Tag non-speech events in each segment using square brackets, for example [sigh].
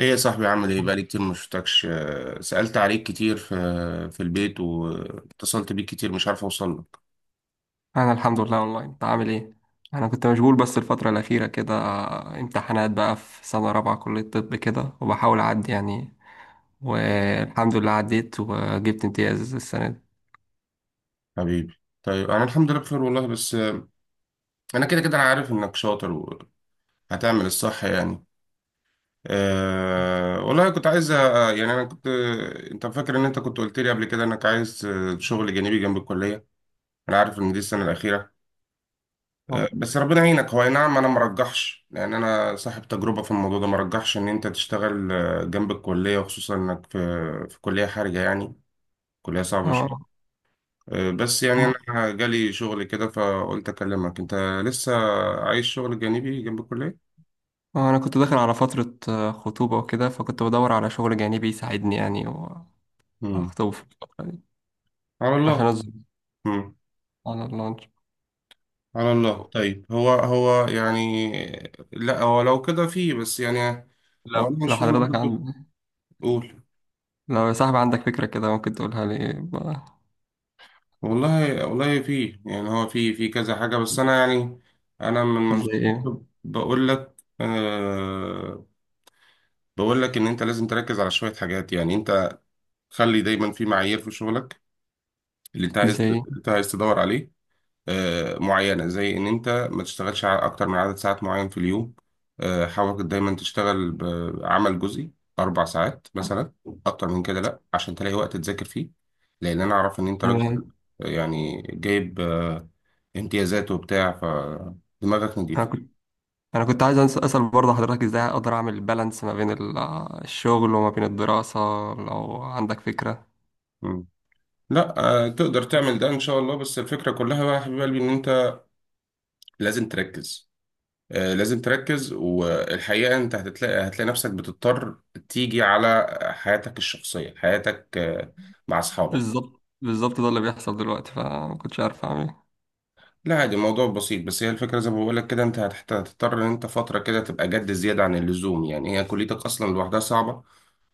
ايه يا صاحبي، عامل ايه؟ بقالي كتير ما شفتكش. سألت عليك كتير في البيت، واتصلت بيك كتير، مش عارف اوصل لك. انا الحمد لله اونلاين. انت عامل ايه؟ انا كنت مشغول، بس الفتره الاخيره كده امتحانات بقى، في سنه رابعه كليه طب كده، وبحاول اعدي يعني. والحمد لله عديت وجبت امتياز السنه دي. حبيبي، طيب انا الحمد لله بخير والله. بس انا كده كده انا عارف انك شاطر وهتعمل الصح يعني. والله كنت عايز يعني انا كنت انت فاكر ان انت كنت قلت لي قبل كده انك عايز شغل جانبي جنب الكلية. انا عارف ان دي السنة الأخيرة، اه. بس ربنا يعينك. هو أي نعم، انا مرجحش، لان انا صاحب تجربه في الموضوع ده، مرجحش ان انت تشتغل جنب الكليه، وخصوصا انك في كليه حرجه يعني، كليه صعبه شويه. اه. بس يعني انا جالي شغل كده، فقلت اكلمك. انت لسه عايش شغل جانبي جنب الكليه؟ انا كنت داخل على فتره خطوبه وكده، فكنت بدور على شغل جانبي يساعدني يعني، امم. واخطب في الفتره دي على الله. عشان اظبط امم. على اللانش. على الله. طيب هو هو يعني، لا هو لو كده فيه، بس يعني. هو لو انا لو مش فاهم حضرتك برضه، عند قول. لو يا صاحبي عندك فكره كده، ممكن تقولها لي بقى. والله والله في يعني، هو في كذا حاجة، بس أنا يعني. أنا من زي منظور ايه؟ الطب بقول لك، بقول لك إن أنت لازم تركز على شوية حاجات. يعني أنت خلي دايما في معايير في شغلك، زي إيه؟ اللي أنت عايز تدور عليه معينة. زي إن أنت ما تشتغلش أكتر من عدد ساعات معين في اليوم. حاول دايما تشتغل بعمل جزئي، 4 ساعات مثلا. أكتر من كده لأ، عشان تلاقي وقت تذاكر فيه. لأن أنا أعرف إن أنت راجل انا يعني جايب امتيازات وبتاع، فدماغك نضيفة. أنا انا كنت عايز اسال برضه حضرتك، ازاي اقدر اعمل بالانس ما بين الشغل وما بين الدراسه؟ لو عندك فكره. مم. لأ، تقدر تعمل ده إن شاء الله. بس الفكرة كلها بقى يا حبيب قلبي، إن أنت لازم تركز، لازم تركز. والحقيقة انت هتلاقي نفسك بتضطر تيجي على حياتك الشخصية، حياتك مع اصحابك. بالظبط، بالظبط، ده اللي بيحصل دلوقتي، فما كنتش عارف اعمل ايه. لا عادي، الموضوع بسيط. بس هي الفكرة زي ما بقولك كده، انت هتضطر ان انت فترة كده تبقى جد زيادة عن اللزوم. يعني هي كليتك اصلا لوحدها صعبة. مم.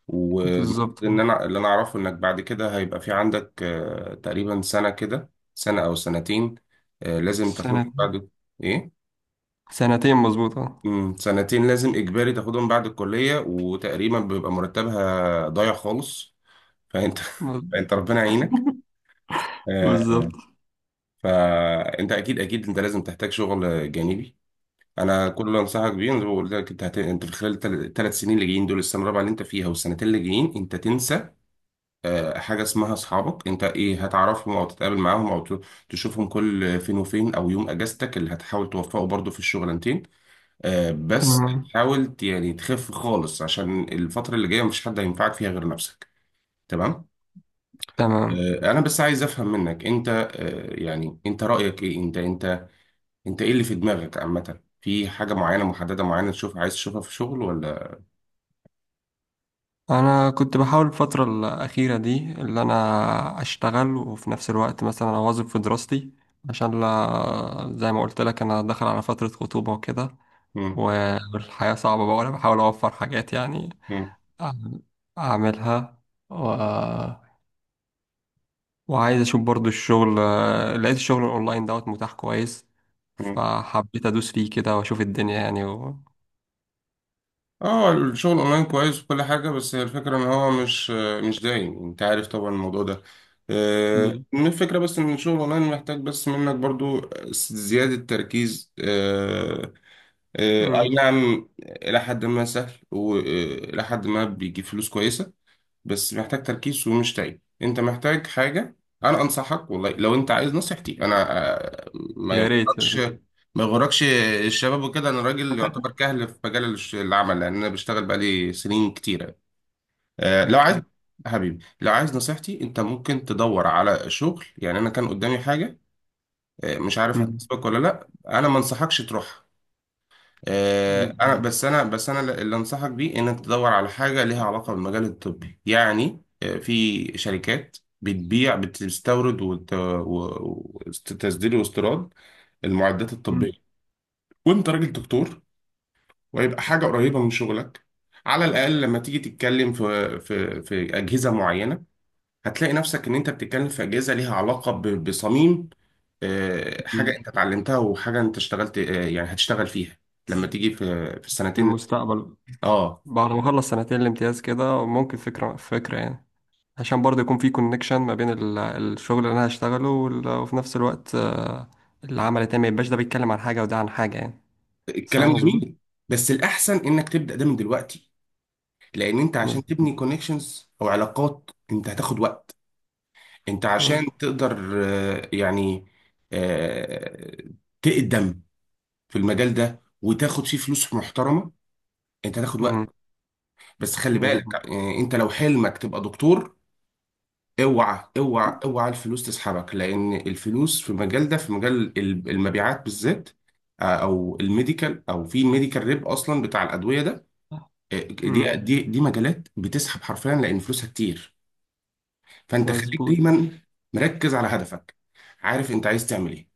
والمفروض بالظبط. ان اللي انا اعرفه، انك بعد كده هيبقى في عندك تقريبا سنة كده، سنة او سنتين. لازم تاخد سنه بعد. ايه؟ سنتين مظبوطه. سنتين، لازم اجباري تاخدهم بعد الكليه، وتقريبا بيبقى مرتبها ضايع خالص. فانت [laughs] فانت ربنا يعينك. بالظبط. آه، فانت اكيد اكيد انت لازم تحتاج شغل جانبي. انا كل اللي انصحك بيه، أنا زي ما قلت لك، انت انت في خلال الثلاث سنين اللي جايين دول، السنه الرابعه اللي انت فيها والسنتين اللي جايين، انت تنسى حاجه اسمها اصحابك. انت ايه هتعرفهم، او تتقابل معاهم، او تشوفهم كل فين وفين، او يوم اجازتك اللي هتحاول توفقه برضه في الشغلانتين. بس تمام. حاول يعني تخف خالص، عشان الفترة اللي جاية مفيش حد هينفعك فيها غير نفسك. تمام. تمام. انا بس عايز افهم منك، انت يعني انت رأيك ايه؟ انت انت ايه اللي في دماغك عامة؟ في حاجة معينة محددة معينة تشوف، عايز تشوفها في شغل، ولا؟ انا كنت بحاول الفتره الاخيره دي اللي انا اشتغل وفي نفس الوقت مثلا اواظب في دراستي، عشان لا زي ما قلت لك، انا داخل على فتره خطوبه وكده، مم، والحياة صعبة بقى، وأنا بحاول أوفر حاجات يعني، مم، أعمل- أعملها و... وعايز أشوف برضو الشغل. لقيت الشغل الأونلاين دوت متاح كويس، مم. فحبيت أدوس فيه كده وأشوف الدنيا يعني اه الشغل اونلاين كويس وكل حاجة، بس هي الفكرة ان هو مش مش دايم، انت عارف طبعا الموضوع ده. ب- من الفكرة بس ان الشغل اونلاين محتاج بس منك برضو زيادة تركيز. اي مم. نعم، الى حد ما سهل، والى حد ما بيجيب فلوس كويسه. بس محتاج تركيز ومش تعب، انت محتاج حاجه. انا انصحك والله، لو انت عايز نصيحتي، انا آه، ما يا ريت، يا يغركش، ريت. ما يغركش الشباب وكده. انا راجل يعتبر كهل في مجال العمل، لان انا بشتغل بقالي سنين كتيره. لو عايز أكيد. حبيبي لو عايز نصيحتي، انت ممكن تدور على شغل. يعني انا كان قدامي حاجه، مش عارف مم. هتسبق ولا لا، انا ما انصحكش تروح. أنا اللي أنصحك بيه، إنك تدور على حاجة ليها علاقة بالمجال الطبي. يعني في شركات بتستورد، وتصدير واستيراد المعدات مم. الطبية. وأنت راجل دكتور، ويبقى حاجة قريبة من شغلك. على الأقل لما تيجي تتكلم في أجهزة معينة، هتلاقي نفسك إن أنت بتتكلم في أجهزة ليها علاقة بصميم حاجة أنت اتعلمتها، وحاجة أنت اشتغلت يعني هتشتغل فيها لما تيجي في في السنتين. المستقبل اه بعد ما أخلص سنتين الامتياز كده، ممكن فكرة فكرة يعني، عشان برضه يكون في كونكشن ما بين الشغل اللي انا هشتغله وفي نفس الوقت العمل التاني ما يبقاش ده بيتكلم عن حاجة وده عن حاجة يعني. صح الكلام مظبوط. جميل، بس الاحسن انك تبدا ده من دلوقتي، لان انت عشان مظبوط. تبني كونكشنز او علاقات انت هتاخد وقت. انت مظبوط. عشان تقدر يعني آه، تقدم في المجال ده وتاخد فيه فلوس محترمه، انت هتاخد وقت. مم. بس خلي بالك مظبوط. انت لو حلمك تبقى دكتور، اوعى اوعى اوعى الفلوس تسحبك. لان الفلوس في المجال ده، في مجال المبيعات بالذات، او الميديكال، او في ميديكال ريب اصلا بتاع الادويه ده، مم. دي مجالات بتسحب حرفيا، لان فلوسها كتير. فانت خليك مظبوط. دايما مركز على هدفك، عارف انت عايز تعمل ايه.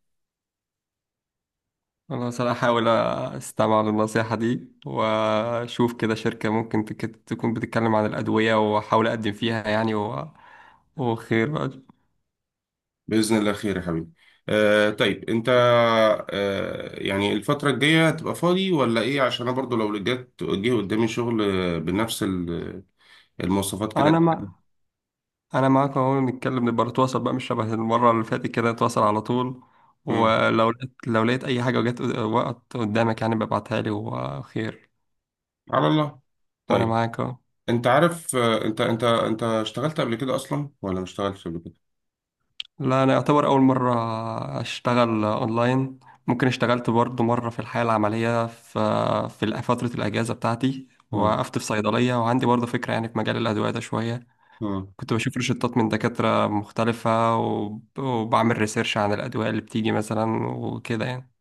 خلاص، انا هحاول استمع للنصيحة دي، واشوف كده شركة ممكن تكون بتتكلم عن الأدوية، واحاول اقدم فيها يعني، وخير بقى. باذن الله خير يا حبيبي. طيب انت يعني الفتره الجايه هتبقى فاضي ولا ايه؟ عشان انا برضو لو جه قدامي شغل بنفس المواصفات انا كده. مع انا معاك اهو، نتكلم، نبقى نتواصل بقى، مش شبه المره اللي فاتت كده، نتواصل على طول. مم. ولو لقيت لو لقيت اي حاجه وجت وقت قدامك يعني، ببعتها لي وخير. على الله. وانا طيب معاك اهو. انت عارف انت اشتغلت قبل كده اصلا، ولا ما اشتغلتش قبل كده؟ لا انا يعتبر اول مره اشتغل اونلاين. ممكن اشتغلت برضو مره في الحياه العمليه، في فتره الاجازه بتاعتي، مم. وقفت في صيدليه، وعندي برضو فكره يعني في مجال الادويه ده شويه. مم. كنت بشوف روشتات من دكاتره مختلفه، وبعمل ريسيرش عن الادويه اللي بتيجي مثلا وكده يعني.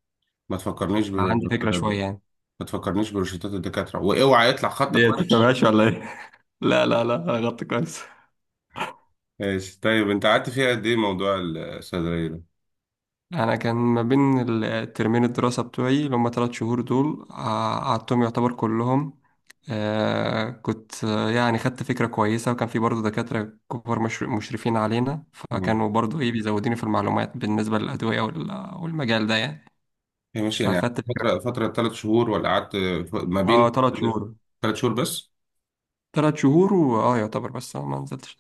ما تفكرنيش ب... عندي فكره شويه ب... يعني. ما تفكرنيش بروشتات الدكاترة، واوعى يطلع خطك ليه وحش. بتفهمهاش ولا ايه؟ [laughs] لا، لا، لا، انا غلطت كويس. ماشي، طيب انت قعدت فيها قد ايه موضوع الصيدلية ده؟ انا كان ما بين الترمين الدراسة بتوعي اللي هم 3 شهور دول، قعدتهم يعتبر كلهم. كنت يعني خدت فكرة كويسة، وكان في برضه دكاترة كبار مشرفين علينا، مم. فكانوا برضه ايه بيزودوني في المعلومات بالنسبة للأدوية والمجال ده يعني. هي ماشي يعني، فاخدت فكرة. فترة 3 شهور، ولا قعدت؟ ما اه بين 3 شهور. 3 شهور بس؟ تلات شهور، واه يعتبر، بس أنا ما نزلتش.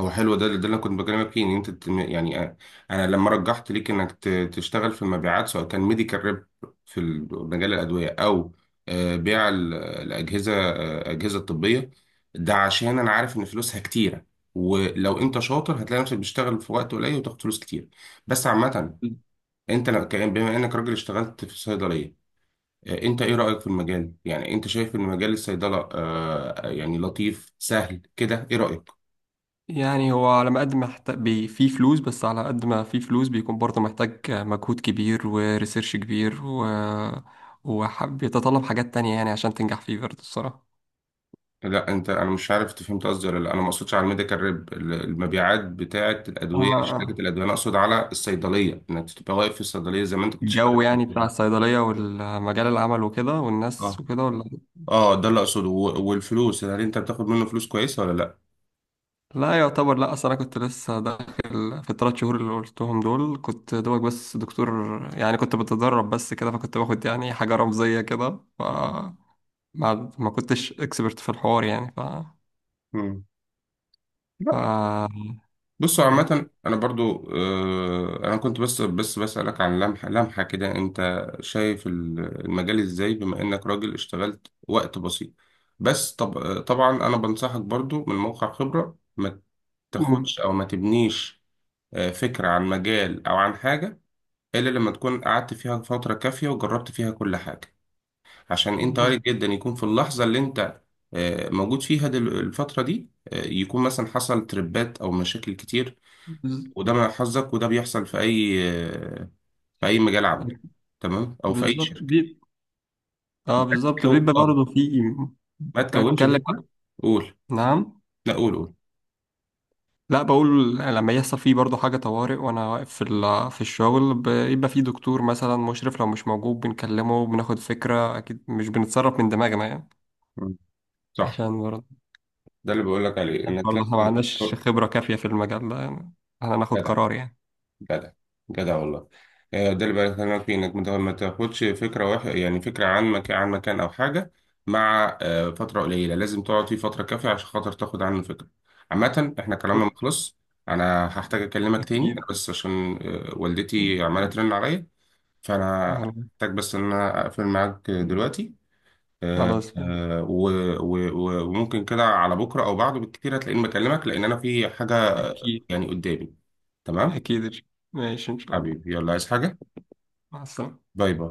هو حلو ده ده اللي كنت بكلمك فيه، ان انت يعني انا لما رجحت ليك انك تشتغل في المبيعات، سواء كان ميديكال ريب في مجال الادويه، او بيع الاجهزه، اجهزه طبيه. ده عشان انا عارف ان فلوسها كتيره، ولو انت شاطر هتلاقي نفسك بتشتغل في وقت قليل وتاخد فلوس كتير. بس عامه، انت لو بما انك راجل اشتغلت في الصيدليه، انت ايه رايك في المجال؟ يعني انت شايف ان مجال الصيدله يعني لطيف سهل كده، ايه رايك؟ يعني هو على ما قد ما محتاج فيه فلوس، بس على قد ما فيه فلوس بيكون برضه محتاج مجهود كبير وريسيرش كبير وحب يتطلب حاجات تانية يعني، عشان تنجح فيه برضه الصراحة. لا انا مش عارف انت فهمت قصدي ولا لا. انا ما اقصدش على الميديكال ريب، المبيعات بتاعه الادويه، آه. شركه آه. الادويه، انا اقصد على الصيدليه، انك تبقى واقف في الصيدليه زي ما انت كنت شغال الجو في يعني بتاع الدكتور. الصيدلية والمجال العمل وكده والناس اه وكده ولا؟ اه، ده اللي اقصده. والفلوس هل انت بتاخد منه فلوس كويسه ولا لا؟ لا يعتبر لا، أصل أنا كنت لسه داخل في ال3 شهور اللي قلتهم دول، كنت دوبك بس دكتور يعني، كنت بتدرب بس كده، فكنت باخد يعني حاجة رمزية كده، ما كنتش اكسبرت في الحوار يعني ف مم. لا. ف بصوا، خلاص. عامة أنا برضو أنا كنت بس بسألك عن لمحة كده. أنت شايف المجال إزاي، بما إنك راجل اشتغلت وقت بسيط. بس طب طبعا أنا بنصحك برضو من موقع خبرة، ما مم. تاخدش او ما تبنيش فكرة عن مجال او عن حاجة، الا لما تكون قعدت فيها فترة كافية وجربت فيها كل حاجة. عشان انت بز... وارد جدا يكون في اللحظة اللي انت موجود فيها، الفترة دي، يكون مثلا حصل تربات او مشاكل كتير، بز... وده من حظك، وده بيحصل في اي في اي مجال عمل، تمام، او في اي بالظبط شركة. ما اه بالظبط تكو- بيبقى آه، برضه في ما تكونش بتكلم. فكرة. قول. نعم. لا قول قول. لا، بقول لما يحصل فيه برضه حاجة طوارئ وأنا واقف في الشغل، بيبقى في دكتور مثلا مشرف، لو مش موجود بنكلمه، بناخد فكرة، أكيد مش بنتصرف من دماغنا يعني، مم. صح، عشان برضه ده اللي بقول لك عليه، عشان انك برضه لازم احنا ما عندناش يبقى خبرة كافية في المجال ده يعني احنا ناخد جدع قرار يعني. جدع جدع والله. ده اللي بكلمك فيه، انك ما تاخدش فكره واحد، يعني فكره عن مكان او حاجه، مع فتره قليله، لازم تقعد فيه فتره كافيه عشان خاطر تاخد عنه فكره. عامه احنا كلامنا ما خلص، انا هحتاج اكلمك تاني. انا أكيد. بس عشان والدتي عماله ترن عليا، فانا هحتاج بس ان انا اقفل معاك دلوقتي. آه، خلاص ماشي. آه، و- وممكن كده على بكره او بعده بالكتير هتلاقيني بكلمك، لان انا في حاجه أكيد. يعني قدامي. تمام. أكيد. ماشي إن شاء الله. حبيبي يلا، عايز حاجه؟ مع السلامة. باي باي.